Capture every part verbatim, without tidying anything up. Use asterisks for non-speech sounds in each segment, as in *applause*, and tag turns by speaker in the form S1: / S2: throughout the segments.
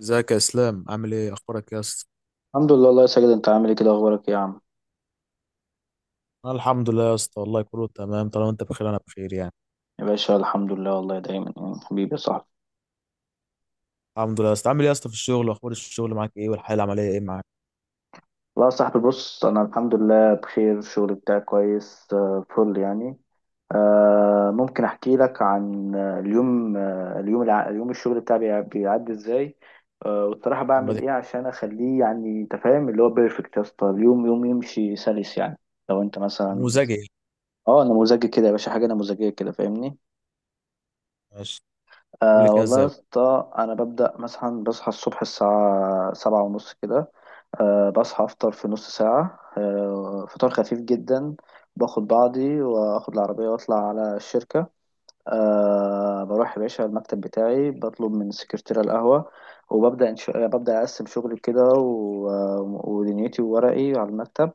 S1: ازيك يا اسلام؟ عامل ايه؟ اخبارك يا اسطى؟
S2: الحمد لله. الله يا ساجد، انت عامل ايه كده؟ اخبارك ايه يا عم؟
S1: انا الحمد لله يا اسطى، والله كله تمام. طالما انت بخير انا بخير يعني.
S2: يا باشا الحمد لله والله دايما يعني، حبيبي يا صاحبي.
S1: الحمد لله يا اسطى. عامل ايه يا اسطى في الشغل؟ واخبار الشغل معاك ايه؟ والحياه العمليه ايه معاك؟
S2: والله يا صاحبي، بص انا الحمد لله بخير. الشغل بتاعي كويس، آه، فل يعني. آه، ممكن احكي لك عن آه، اليوم، آه، اليوم الع... اليوم الشغل بتاعي بيع- بيعدي ازاي، آه، والصراحه
S1: طب ما
S2: بعمل
S1: تحكي.
S2: ايه عشان اخليه يعني، انت فاهم اللي هو بيرفكت. يا اسطى اليوم يوم يمشي سلس يعني، لو انت مثلا.
S1: نموذجي يعني.
S2: اه، نموذجي كده يا باشا، حاجه نموذجيه كده، فاهمني؟
S1: ماشي. قول لي
S2: أه
S1: كده
S2: والله
S1: ازاي
S2: يا
S1: بقى.
S2: اسطى، أنا ببدأ مثلا بصحى الصبح الساعة سبعة ونص كده. أه، بصحى أفطر في نص ساعة، أه فطار خفيف جدا. باخد بعضي وآخد العربية وأطلع على الشركة. أه، بروح يا باشا المكتب بتاعي، بطلب من السكرتيرة القهوة، وببدأ إنش... ببدأ أقسم شغلي كده و... ودنيتي وورقي على المكتب.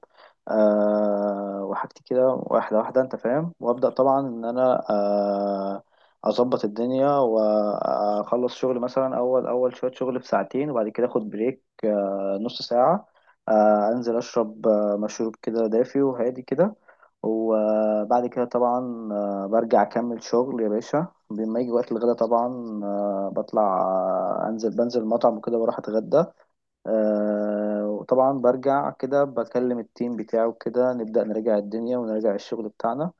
S2: أه، وحاجتي كده واحدة واحدة، أنت فاهم. وأبدأ طبعا إن أنا أه أظبط الدنيا وأخلص شغل، مثلا أول أول شوية شغل في ساعتين، وبعد كده أخد بريك أه نص ساعة. أه أنزل أشرب آه، مشروب كده دافي وهادي كده. وبعد كده طبعا برجع اكمل شغل يا باشا، بما يجي وقت الغدا طبعا، آه، بطلع آه، انزل بنزل مطعم وكده بروح اتغدى. آه، وطبعا برجع كده بكلم التيم بتاعه كده، نبدأ نراجع الدنيا ونراجع الشغل بتاعنا.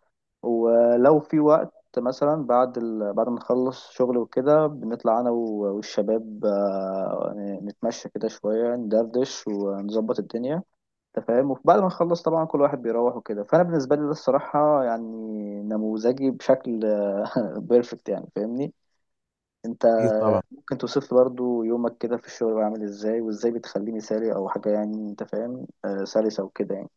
S2: ولو في وقت مثلا بعد ال... بعد ما نخلص شغل وكده، بنطلع انا و- والشباب، آه، نتمشى كده شوية، ندردش ونظبط الدنيا، انت فاهم. وبعد ما نخلص طبعا كل واحد بيروح وكده. فانا بالنسبه لي ده الصراحه يعني نموذجي بشكل *laughs* بيرفكت يعني، فاهمني انت؟
S1: اكيد طبعا.
S2: ممكن توصف لي برضو يومك كده في الشغل عامل ازاي، وازاي بتخليه مثالي او حاجه، يعني انت فاهم، آه سلسه وكده يعني.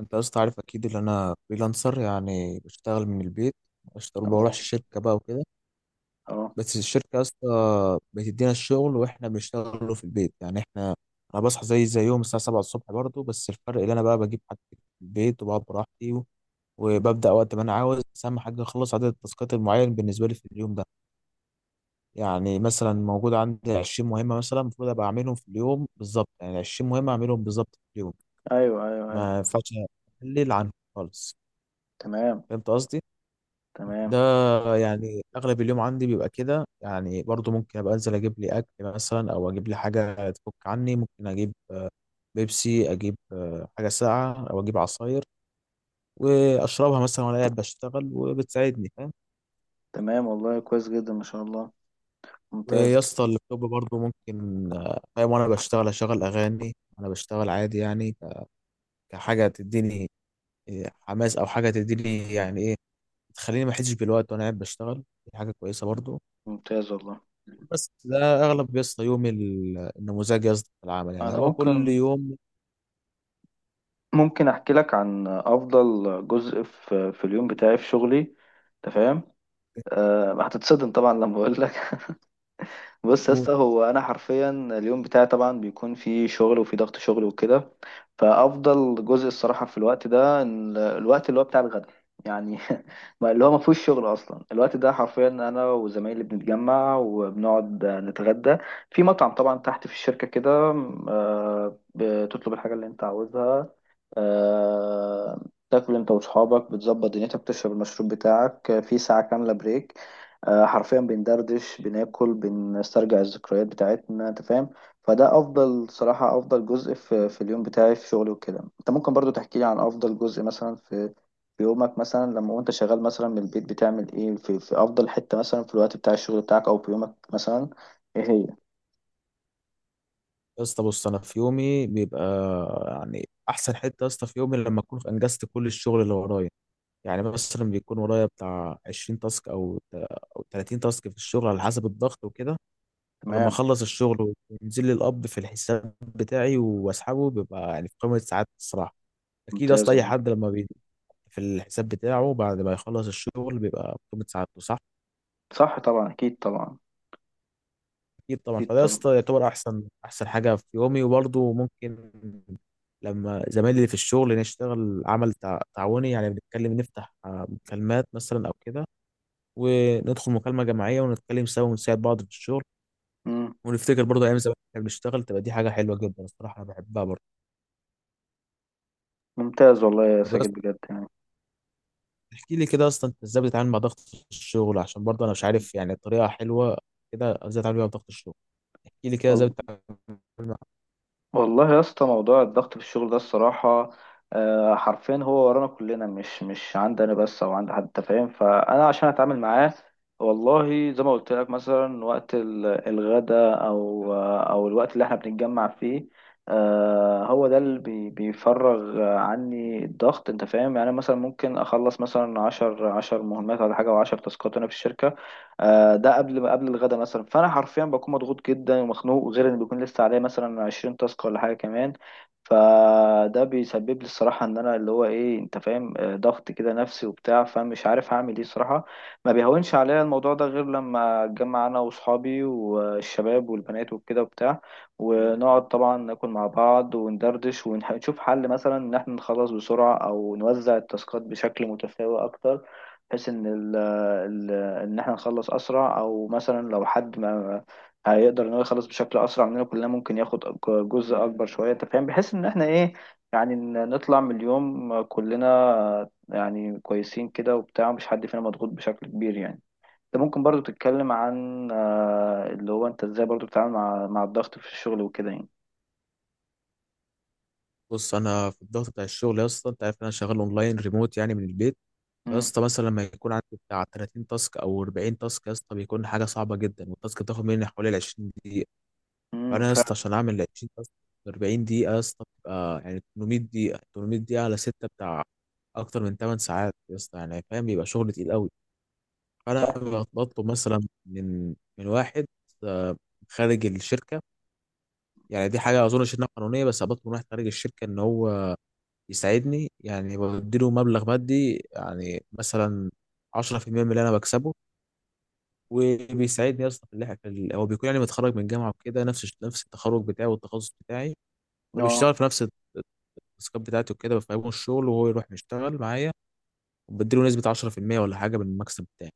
S1: انت يا اسطى عارف اكيد ان انا فريلانسر، يعني بشتغل من البيت. بشتغل ما
S2: اه.
S1: بروحش الشركه بقى وكده.
S2: اه.
S1: بس الشركه يا اسطى بتدينا الشغل واحنا بنشتغله في البيت، يعني احنا انا بصحى زي زي يوم الساعه سبعة الصبح برضه. بس الفرق اللي انا بقى بجيب حاجتي في البيت وبقعد براحتي،
S2: مم.
S1: وببدأ وقت ما أنا عاوز. بس أهم حاجة أخلص عدد التاسكات المعين بالنسبة لي في اليوم ده. يعني مثلا موجود عندي 20 مهمة مثلا، المفروض أبقى أعملهم في اليوم بالظبط، يعني 20 مهمة أعملهم بالظبط في اليوم.
S2: ايوه ايوه ايوه.
S1: ما ينفعش أقلل عنهم خالص.
S2: تمام.
S1: فهمت قصدي؟ ده
S2: تمام.
S1: يعني أغلب اليوم عندي بيبقى كده. يعني برضو ممكن أبقى أنزل أجيب لي أكل مثلا أو أجيب لي حاجة تفك عني. ممكن أجيب آه، بيبسي، أجيب آه، حاجة ساقعة أو أجيب عصاير وأشربها مثلا وأنا قاعد بشتغل وبتساعدني.
S2: تمام والله كويس جدا ما شاء الله.
S1: ويا
S2: ممتاز.
S1: اسطى اللابتوب برضه ممكن، آه، فاهم، وانا بشتغل اشغل اغاني. انا بشتغل عادي يعني ك- كحاجه تديني آه، حماس او حاجه تديني يعني ايه، تخليني ما احسش بالوقت وانا قاعد بشتغل. دي حاجه كويسه برضه.
S2: ممتاز والله.
S1: بس ده اغلب يا اسطى يومي ال- النموذجي يا اسطى في العمل، يعني
S2: انا
S1: هو كل
S2: ممكن،
S1: يوم
S2: ممكن احكي لك عن افضل جزء في في اليوم بتاعي في شغلي، انت فاهم. أه هتتصدم طبعا لما اقول لك. *laughs* بص يا
S1: يوم-
S2: اسطى، هو انا حرفيا اليوم بتاعي طبعا بيكون فيه شغل وفيه ضغط شغل وكده، فافضل جزء الصراحه في الوقت ده ال- الوقت اللي هو بتاع الغدا، يعني *laughs* ما- اللي هو ما فيهوش شغل اصلا. الوقت ده حرفيا انا وزمايلي بنتجمع وبنقعد نتغدى في مطعم طبعا تحت في الشركه كده. أه بتطلب الحاجه اللي انت عاوزها، آه، تاكل انت وصحابك، بتظبط دنيتك، بتشرب المشروب بتاعك، آه، في ساعة كاملة بريك. آه، حرفيا بندردش، بناكل، بنسترجع الذكريات بتاعتنا، انت فاهم. فده افضل صراحة، افضل جزء في, في اليوم بتاعي في شغلي وكده. انت ممكن برضو تحكي لي عن افضل جزء مثلا في في يومك مثلا، لما وانت شغال مثلا من البيت بتعمل ايه في, في افضل حتة مثلا في الوقت بتاع الشغل بتاعك، او في يومك مثلا ايه هي؟
S1: يا اسطى. بص انا في يومي بيبقى، يعني احسن حته يا اسطى في يومي لما اكون انجزت كل الشغل اللي ورايا. يعني مثلا بيكون ورايا بتاع 20 تاسك او او 30 تاسك في الشغل على حسب الضغط وكده. لما
S2: تمام.
S1: اخلص الشغل وينزل لي القبض في الحساب بتاعي واسحبه، بيبقى يعني في قمه السعاده الصراحه. اكيد
S2: ممتاز
S1: اصلا اي
S2: والله.
S1: حد لما بي في الحساب بتاعه بعد ما يخلص الشغل بيبقى في قمه سعادته، صح؟
S2: صح طبعا، اكيد طبعا.
S1: اكيد طبعا.
S2: اكيد
S1: فده يا
S2: طبعا.
S1: اسطى يعتبر احسن احسن حاجه في يومي. وبرضه ممكن لما زمايلي اللي في الشغل نشتغل عمل تع- تعاوني، يعني بنتكلم نفتح آه، مكالمات مثلا او كده، وندخل مكالمه جماعيه ونتكلم سوا ونساعد بعض في الشغل،
S2: مم.
S1: ونفتكر برضه ايام زمان كنا بنشتغل. تبقى دي حاجه حلوه جدا الصراحه، انا بحبها برضه.
S2: ممتاز والله يا
S1: طب
S2: ساجد بجد يعني.
S1: احكي لي كده اصلا انت ازاي بتتعامل مع ضغط الشغل، عشان برضه انا مش عارف يعني طريقه حلوه كده ازاي اتعامل بيها مع ضغط الشغل. احكي لي كده ازاي
S2: وال-
S1: بتتعامل مع.
S2: والله يا اسطى، موضوع الضغط في الشغل ده الصراحة آه، حرفيا هو ورانا كلنا، مش مش عندي انا بس او عند حد، أنت فاهم. فانا عشان اتعامل معاه، والله زي ما قلت لك مثلا وقت ال- الغداء، او آه، او الوقت اللي احنا بنتجمع فيه، آه، هو ده اللي بي- بيفرغ عني الضغط، انت فاهم. يعني مثلا ممكن اخلص مثلا عشر عشر مهمات ولا حاجة، او عشر تاسكات انا في الشركة، آه، ده قبل قبل الغدا مثلا. فانا حرفيا بكون مضغوط جدا ومخنوق، غير ان بيكون لسه عليا مثلا عشرين تاسك ولا حاجه كمان. فده بيسبب لي الصراحه ان انا اللي هو ايه، انت فاهم، آه، ضغط كده نفسي وبتاع، فمش عارف هعمل ايه صراحه. ما بيهونش عليا الموضوع ده غير لما اتجمع انا واصحابي والشباب والبنات وكده وبتاع، ونقعد طبعا ناكل مع بعض وندردش، ونشوف حل مثلا ان احنا نخلص بسرعه، او نوزع التاسكات بشكل متساوي اكتر، بحيث ان ال ان احنا نخلص اسرع. او مثلا لو حد ما هيقدر ان هو يخلص بشكل اسرع مننا كلنا، ممكن ياخد جزء اكبر شويه، انت فاهم، بحيث ان احنا ايه، يعني ن- نطلع من اليوم كلنا يعني كويسين كده وبتاع، مش حد فينا مضغوط بشكل كبير يعني. انت ممكن برضو تتكلم عن آه، اللي هو انت ازاي برضو بتتعامل مع مع الضغط في الشغل وكده يعني.
S1: بص انا في الضغط بتاع الشغل يا اسطى، انت عارف ان انا شغال اونلاين ريموت، يعني من البيت. يا
S2: امم.
S1: اسطى مثلا لما يكون عندي بتاع 30 تاسك او 40 تاسك يا اسطى بيكون حاجه صعبه جدا، والتاسك بتاخد مني حوالي ال 20 دقيقه.
S2: امم
S1: فانا يا اسطى
S2: فعلا.
S1: عشان اعمل ال 20 تاسك، 40 دقيقه يا اسطى بتبقى يعني 800 دقيقه. 800 دقيقه على سته بتاع اكتر من 8 ساعات يا اسطى، يعني فاهم بيبقى شغل تقيل قوي. انا
S2: صح.
S1: بطلب مثلا من من واحد، آه، خارج الشركه. يعني دي حاجه اظن انها قانونيه، بس بطلب من واحد خارج الشركه ان هو يساعدني، يعني بديله مبلغ مادي يعني مثلا عشرة في المية من اللي انا بكسبه. وبيساعدني اصلا في اللي إحنا- في ال- هو بيكون يعني متخرج من جامعه وكده، نفس الش- نفس التخرج بتاعي والتخصص بتاعي،
S2: اه.
S1: فبيشتغل في نفس التاسكات بتاعتي وكده. بفهمه الشغل وهو يروح يشتغل معايا وبديله نسبه عشرة في المية ولا حاجه من المكسب بتاعي.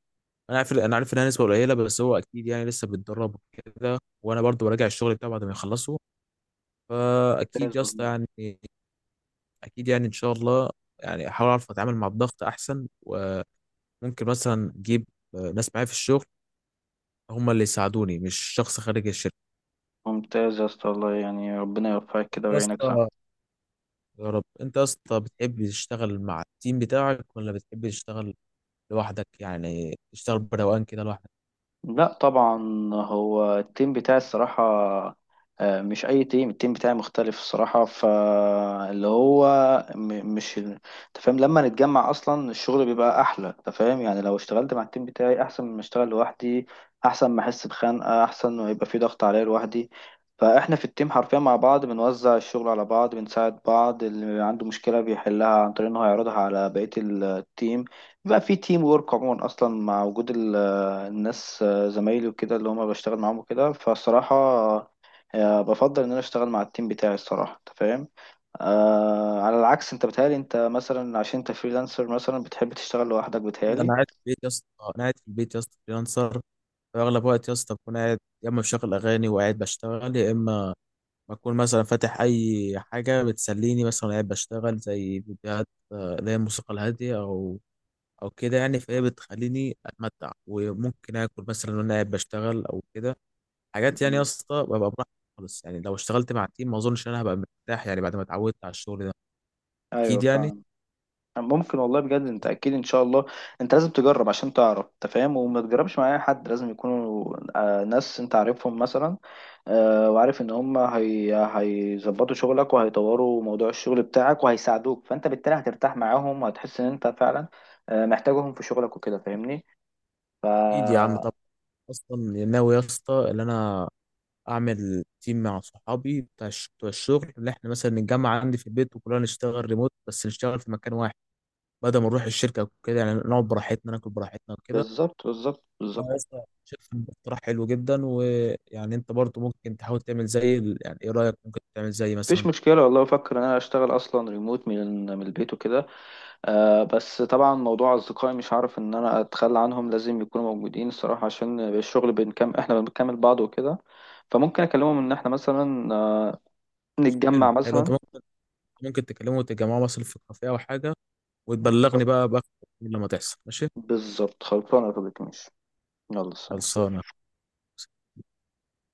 S1: انا عارف انا عارف انها نسبه قليله، بس هو اكيد يعني لسه بيتدرب كده، وانا برضو براجع الشغل بتاعه بعد ما يخلصه.
S2: ممتاز
S1: فاكيد يا اسطى
S2: والله.
S1: يعني، اكيد يعني ان شاء الله يعني احاول اعرف اتعامل مع الضغط احسن. وممكن مثلا اجيب آه، ناس معايا في الشغل، هم اللي يساعدوني مش شخص خارج الشركه.
S2: ممتاز يا اسطى والله، يعني ربنا يوفقك
S1: انت
S2: كده
S1: يا
S2: ويعينك، صح.
S1: اسطى، يا رب. انت يا اسطى بتحب تشتغل مع التيم بتاعك ولا بتحب تشتغل لوحدك؟ يعني تشتغل بروقان كده لوحدك.
S2: لا طبعا. هو التيم بتاعي الصراحة آه، مش أي تيم، التيم بتاعي مختلف الصراحة. فاللي هو م- مش أنت فاهم، لما نتجمع أصلا الشغل بيبقى أحلى، أنت فاهم، يعني لو اشتغلت مع التيم بتاعي أحسن من ما أشتغل لوحدي، أحسن ما أحس بخنقة، أحسن ما يبقى في ضغط عليا لوحدي. فإحنا في التيم حرفيا مع بعض بنوزع الشغل على بعض، بنساعد بعض، اللي عنده مشكلة بيحلها عن طريق إن هو يعرضها على بقية التيم. بيبقى في تيم وورك عموما أصلا مع وجود ال- الناس، زمايلي وكده اللي هما بشتغل معاهم وكده. فالصراحة آه، بفضل ان انا اشتغل مع التيم بتاعي الصراحة، انت فاهم. آه على العكس، انت بتهيألي انت مثلا عشان انت فريلانسر، مثلا بتحب تشتغل لوحدك،
S1: اكيد
S2: بتهيألي.
S1: انا قاعد في البيت يا اسطى، انا قاعد في البيت يا اسطى فريلانسر. اغلب وقت يا اسطى بكون قاعد يا اما بشغل اغاني وقاعد بشتغل، يا اما بكون مثلا فاتح اي حاجه بتسليني مثلا قاعد بشتغل، زي فيديوهات آه، اللي هي الموسيقى الهاديه او او كده يعني. فهي بتخليني اتمتع وممكن اكل مثلا وانا قاعد بشتغل او كده، حاجات يعني يا
S2: مم.
S1: اسطى ببقى براحتي خالص. يعني لو اشتغلت مع تيم ما اظنش ان انا هبقى مرتاح يعني، بعد ما اتعودت على الشغل ده.
S2: ايوه
S1: اكيد يعني.
S2: فاهم. ممكن والله بجد، انت اكيد ان شاء الله. انت لازم تجرب عشان تعرف، انت فاهم، وما تجربش مع اي حد، لازم يكونوا آه، ناس انت عارفهم مثلا، آه، وعارف ان هم هي هيظبطوا شغلك وهيطوروا موضوع الشغل بتاعك وهيساعدوك. فانت بالتالي هترتاح معاهم وهتحس ان انت فعلا آه، محتاجهم في شغلك وكده، فاهمني؟ ف
S1: اكيد يا عم طبعا. اصلا ناوي يا اسطى ان انا اعمل تيم مع صحابي بتاع الش- بتوع الشغل، اللي احنا مثلا نتجمع عندي في البيت وكلنا نشتغل ريموت، بس نشتغل في مكان واحد بدل ما نروح الشركه وكده، يعني نقعد براحتنا ناكل براحتنا وكده.
S2: بالظبط، بالظبط، بالظبط.
S1: فأنا لسه شايف إن ده اقتراح حلو جدا. ويعني انت برضو ممكن تحاول تعمل زي ال- يعني ايه رايك؟ ممكن تعمل زي
S2: مفيش
S1: مثلا.
S2: مشكلة والله، بفكر ان انا اشتغل اصلا ريموت من من البيت وكده، آه. بس طبعا موضوع أصدقائي مش هعرف إن أنا أتخلى عنهم، لازم يكونوا موجودين الصراحة، عشان الشغل بنكمل، إحنا بنكمل بعض وكده. فممكن أكلمهم إن إحنا مثلا آه،
S1: حلو
S2: نتجمع
S1: حلو انت
S2: مثلا.
S1: ممكن، ممكن تكلمه وتتجمعوا مثلا في كافيه او حاجه وتبلغني
S2: بالظبط.
S1: بقى بقى لما تحصل، ماشي.
S2: بالظبط، خلصانة يا طارق، ماشي. يلا سلام.
S1: خلصانه.